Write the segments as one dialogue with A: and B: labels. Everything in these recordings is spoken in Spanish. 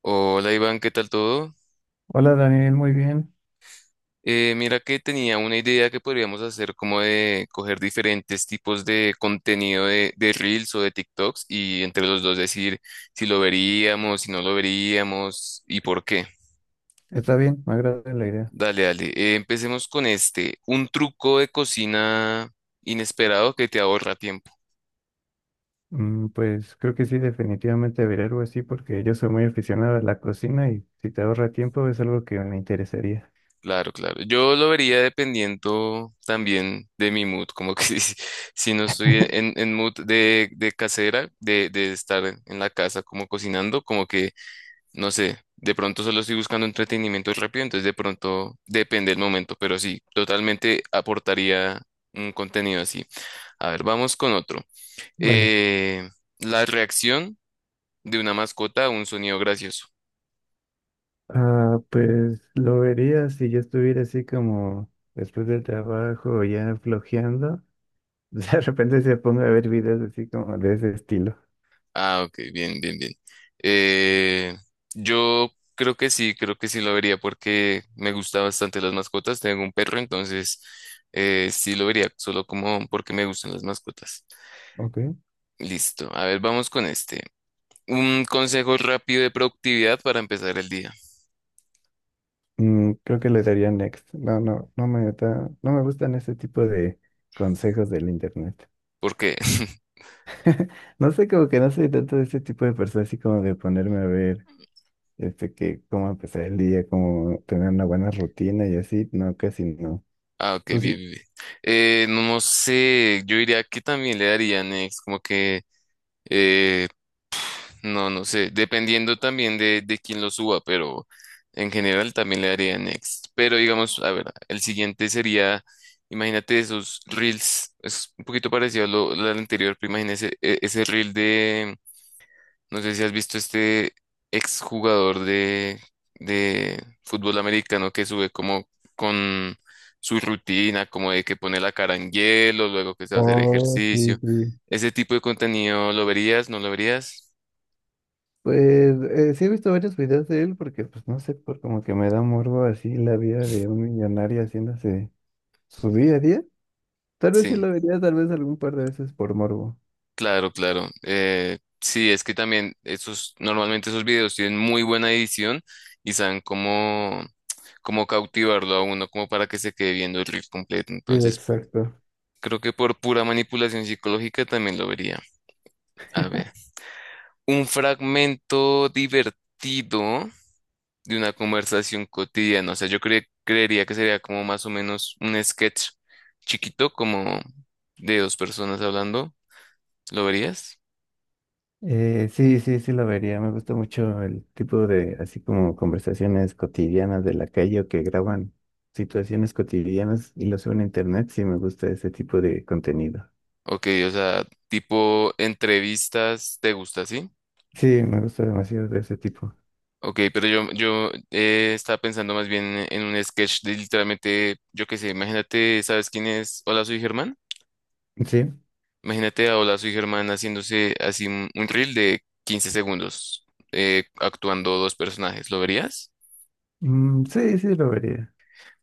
A: Hola Iván, ¿qué tal todo?
B: Hola Daniel, muy bien.
A: Mira que tenía una idea que podríamos hacer como de coger diferentes tipos de contenido de Reels o de TikToks y entre los dos decir si lo veríamos, si no lo veríamos y por qué.
B: Está bien, me agrada la idea.
A: Dale, dale. Empecemos con este, un truco de cocina inesperado que te ahorra tiempo.
B: Mm, pues creo que sí, definitivamente veré algo así porque yo soy muy aficionado a la cocina y si te ahorra tiempo es algo que me interesaría.
A: Claro, claro. Yo lo vería dependiendo también de mi mood, como que si no estoy en mood de casera, de estar en la casa como cocinando, como que, no sé, de pronto solo estoy buscando entretenimiento rápido, entonces de pronto depende el momento, pero sí, totalmente aportaría un contenido así. A ver, vamos con otro.
B: Vale.
A: Eh, la reacción de una mascota a un sonido gracioso.
B: Ah, pues lo vería si yo estuviera así como después del trabajo ya flojeando. De repente se ponga a ver videos así como de ese estilo.
A: Ah, ok, bien, bien, bien. Eh, yo creo que sí lo vería porque me gustan bastante las mascotas. Tengo un perro, entonces sí lo vería, solo como porque me gustan las mascotas.
B: Ok.
A: Listo, a ver, vamos con este. Un consejo rápido de productividad para empezar el día.
B: Mm, creo que le daría next. No, no me gustan ese tipo de consejos del internet.
A: ¿Por qué?
B: No sé, como que no soy tanto de ese tipo de persona, así como de ponerme a ver, este, que cómo empezar el día, cómo tener una buena rutina y así, no, casi no.
A: Ah, ok,
B: ¿Tú
A: bien,
B: sí?
A: bien, bien. No, no sé, yo diría que también le darían, como que eh, No, no sé, dependiendo también de quién lo suba, pero en general también le daría next. Pero digamos, a ver, el siguiente sería, imagínate esos reels, es un poquito parecido a lo del anterior, pero imagínese ese reel de, no sé si has visto este exjugador de fútbol americano que sube como con su rutina, como de que pone la cara en hielo, luego que se va a hacer
B: Oh, sí,
A: ejercicio.
B: sí.
A: Ese tipo de contenido, ¿lo verías? ¿No lo verías?
B: Pues sí he visto varios videos de él porque, pues no sé, por como que me da morbo así la vida de un millonario haciéndose su día a día. Tal vez sí
A: Sí.
B: lo vería, tal vez algún par de veces por morbo.
A: Claro, claro. Sí, es que también esos, normalmente esos videos tienen muy buena edición y saben cómo cautivarlo a uno, como para que se quede viendo el reel completo.
B: Sí,
A: Entonces,
B: exacto.
A: creo que por pura manipulación psicológica también lo vería. A ver, un fragmento divertido de una conversación cotidiana. O sea, yo creería que sería como más o menos un sketch chiquito, como de dos personas hablando. ¿Lo verías?
B: Sí, sí lo vería. Me gusta mucho el tipo de, así como conversaciones cotidianas de la calle o que graban situaciones cotidianas y lo suben a internet. Sí, me gusta ese tipo de contenido.
A: Ok, o sea, tipo entrevistas, ¿te gusta, así?
B: Sí, me gusta demasiado de ese tipo.
A: Ok, pero yo estaba pensando más bien en un sketch de literalmente, yo qué sé, imagínate, ¿sabes quién es Hola, soy Germán?
B: Sí,
A: Imagínate a Hola, soy Germán haciéndose así un reel de 15 segundos, actuando dos personajes, ¿lo verías?
B: mm, sí, sí lo vería.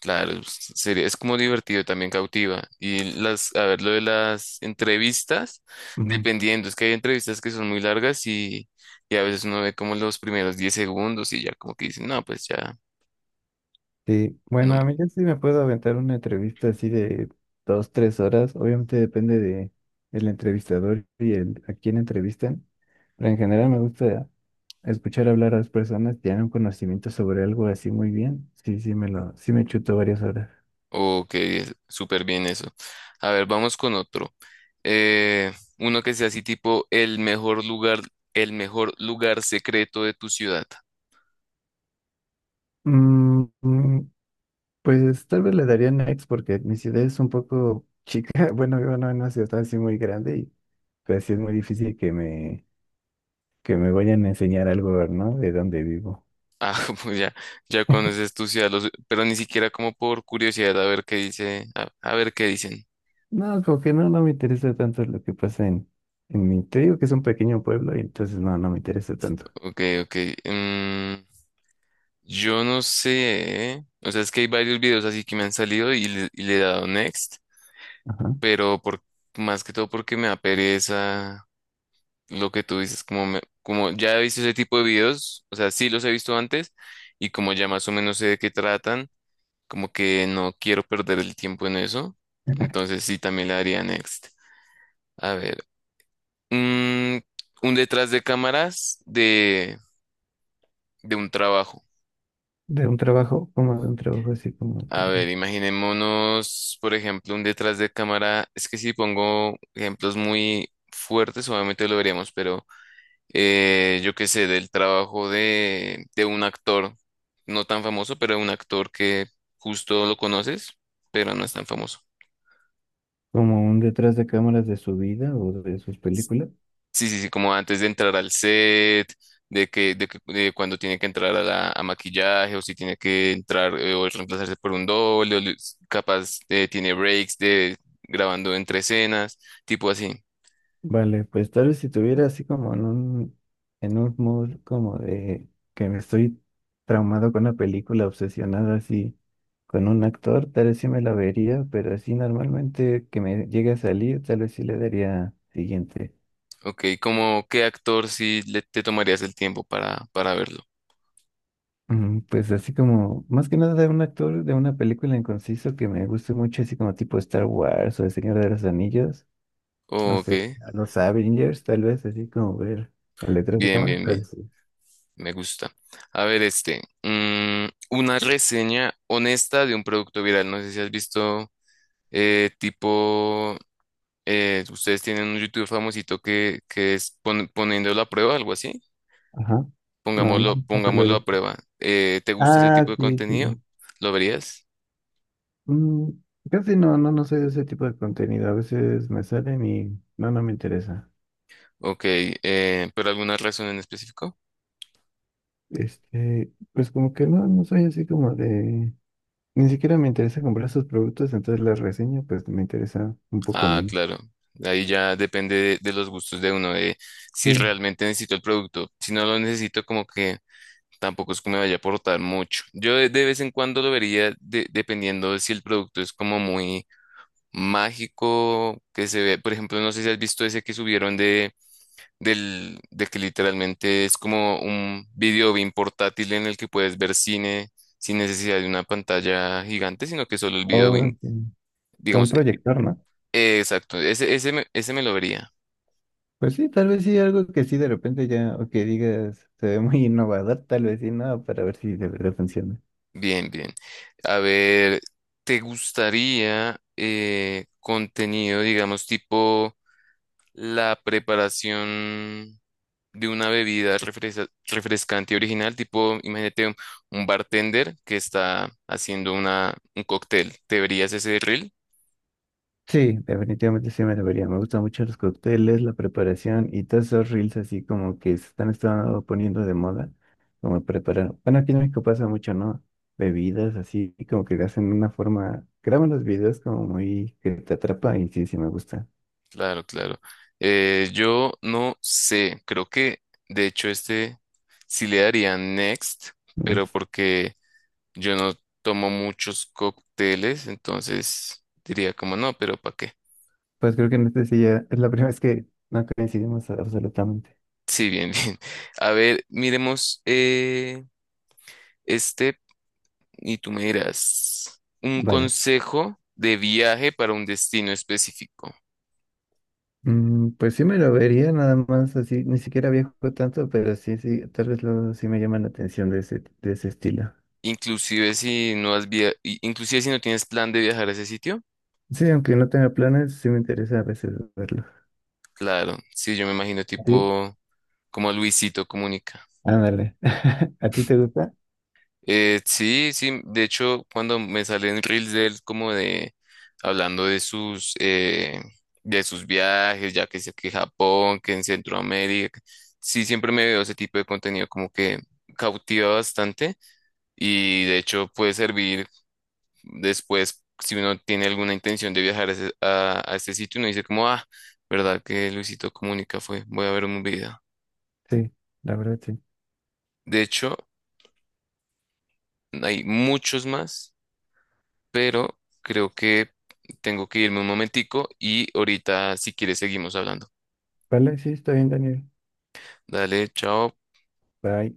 A: Claro, sería, es como divertido, también cautiva. A ver, lo de las entrevistas, dependiendo, es que hay entrevistas que son muy largas y a veces uno ve como los primeros 10 segundos y ya como que dicen, no, pues ya,
B: Sí, bueno,
A: no,
B: a mí yo sí me puedo aventar una entrevista así de 2, 3 horas. Obviamente depende de el entrevistador y el a quién entrevistan. Pero en general me gusta escuchar hablar a las personas que tienen un conocimiento sobre algo así muy bien. Sí me chuto varias horas.
A: o que súper bien eso. A ver, vamos con otro. Eh, uno que sea así tipo el mejor lugar secreto de tu ciudad.
B: Mm, mm, pues tal vez le daría next porque mi ciudad es un poco chica. Bueno, vivo no en una ciudad así muy grande y pues sí es muy difícil que me vayan a enseñar algo, ¿no? De dónde vivo.
A: Ah, pues ya, ya conoces tu ciudad, pero ni siquiera como por curiosidad a ver qué dice, a ver qué dicen.
B: No, como que no, no me interesa tanto lo que pasa en mi... Te digo que es un pequeño pueblo y entonces no, no me interesa tanto.
A: Ok, ok. mm, yo no sé. ¿Eh? O sea, es que hay varios videos así que me han salido y le he dado next,
B: Ajá.
A: pero más que todo porque me da pereza lo que tú dices, como, como ya he visto ese tipo de videos, o sea, sí los he visto antes y como ya más o menos sé de qué tratan, como que no quiero perder el tiempo en eso. Entonces sí, también le daría next. A ver, mm, un detrás de cámaras de un trabajo.
B: De un trabajo, como de un trabajo
A: A ver, imaginémonos, por ejemplo, un detrás de cámara. Es que si pongo ejemplos muy fuertes, obviamente lo veríamos, pero yo qué sé, del trabajo de un actor, no tan famoso, pero un actor que justo lo conoces, pero no es tan famoso.
B: como un detrás de cámaras de su vida o de sus películas.
A: Sí, sí, sí, como antes de entrar al set, de cuando tiene que entrar a maquillaje, o si tiene que entrar o reemplazarse por un doble, o capaz tiene breaks de grabando entre escenas, tipo así.
B: Vale, pues tal vez si tuviera así como en un mood como de que me estoy traumado con una película, obsesionada así con un actor, tal vez sí me la vería, pero así normalmente que me llegue a salir, tal vez sí le daría siguiente.
A: Ok, ¿como qué actor si le, te tomarías el tiempo para verlo?
B: Pues así como, más que nada de un actor de una película en conciso que me guste mucho, así como tipo Star Wars o El Señor de los Anillos, no
A: Ok,
B: sé, a los Avengers, tal vez, así como ver las letras de
A: bien,
B: cámara.
A: bien, bien.
B: Pero sí.
A: Me gusta. A ver, una reseña honesta de un producto viral. No sé si has visto, tipo, ustedes tienen un YouTube famosito que es poniéndolo a prueba, algo así.
B: Ajá. No, no,
A: Pongámoslo,
B: no te lo he
A: pongámoslo a
B: visto.
A: prueba. ¿Te gusta ese
B: Ah,
A: tipo de
B: sí, sí,
A: contenido?
B: sí.
A: ¿Lo verías?
B: Mm, casi no, no, no soy de ese tipo de contenido. A veces me salen y no, no me interesa.
A: Ok, ¿pero alguna razón en específico?
B: Este, pues como que no, no soy así como de, ni siquiera me interesa comprar sus productos, entonces las reseño, pues me interesa un poco
A: Ah,
B: menos.
A: claro. Ahí ya depende de los gustos de uno, de si
B: Sí,
A: realmente necesito el producto. Si no lo necesito, como que tampoco es que me vaya a aportar mucho. Yo de vez en cuando lo vería dependiendo de si el producto es como muy mágico, que se ve, por ejemplo, no sé si has visto ese que subieron de que literalmente es como un video bien portátil en el que puedes ver cine sin necesidad de una pantalla gigante, sino que solo el
B: o con
A: video bien,
B: un
A: digamos,
B: proyector, ¿no?
A: exacto, ese me lo vería.
B: Pues sí, tal vez sí, algo que sí de repente ya, o que digas, se ve muy innovador, tal vez sí, no, para ver si de verdad funciona.
A: Bien, bien. A ver, ¿te gustaría contenido, digamos, tipo la preparación de una bebida refrescante original, tipo, imagínate un bartender que está haciendo un cóctel. ¿Te verías ese reel?
B: Sí, definitivamente sí me debería. Me gustan mucho los cócteles, la preparación y todos esos reels así como que estado poniendo de moda, como preparar. Bueno, aquí en México pasa mucho, ¿no? Bebidas así, y como que hacen una forma, graban los videos como muy que te atrapa y sí, sí me gusta.
A: Claro, claro. Yo no sé, creo que de hecho este sí le daría next, pero porque yo no tomo muchos cócteles, entonces diría como no, pero ¿para qué?
B: Pues creo que en este sí ya es la primera vez que no coincidimos absolutamente.
A: Sí, bien, bien. A ver, miremos este Y tú me dirás, un
B: Vale.
A: consejo de viaje para un destino específico.
B: Pues sí me lo vería nada más así, ni siquiera viajo tanto, pero sí, sí, tal vez luego sí me llama la atención de ese estilo.
A: Inclusive si no tienes plan de viajar a ese sitio,
B: Sí, aunque no tenga planes, sí me interesa a veces verlo.
A: claro, sí, yo me imagino
B: Sí,
A: tipo como Luisito Comunica.
B: ándale. ¿A ti te gusta?
A: Sí, sí, de hecho, cuando me salen reels de él como de hablando de sus viajes, ya que sé que Japón, que en Centroamérica, sí, siempre me veo ese tipo de contenido como que cautiva bastante. Y de hecho puede servir después si uno tiene alguna intención de viajar a este sitio, uno dice como, ah, ¿verdad que Luisito Comunica fue? Voy a ver un video.
B: Sí, la verdad sí.
A: De hecho, hay muchos más, pero creo que tengo que irme un momentico y ahorita si quieres seguimos hablando.
B: Vale, sí, está bien, Daniel.
A: Dale, chao.
B: Bye.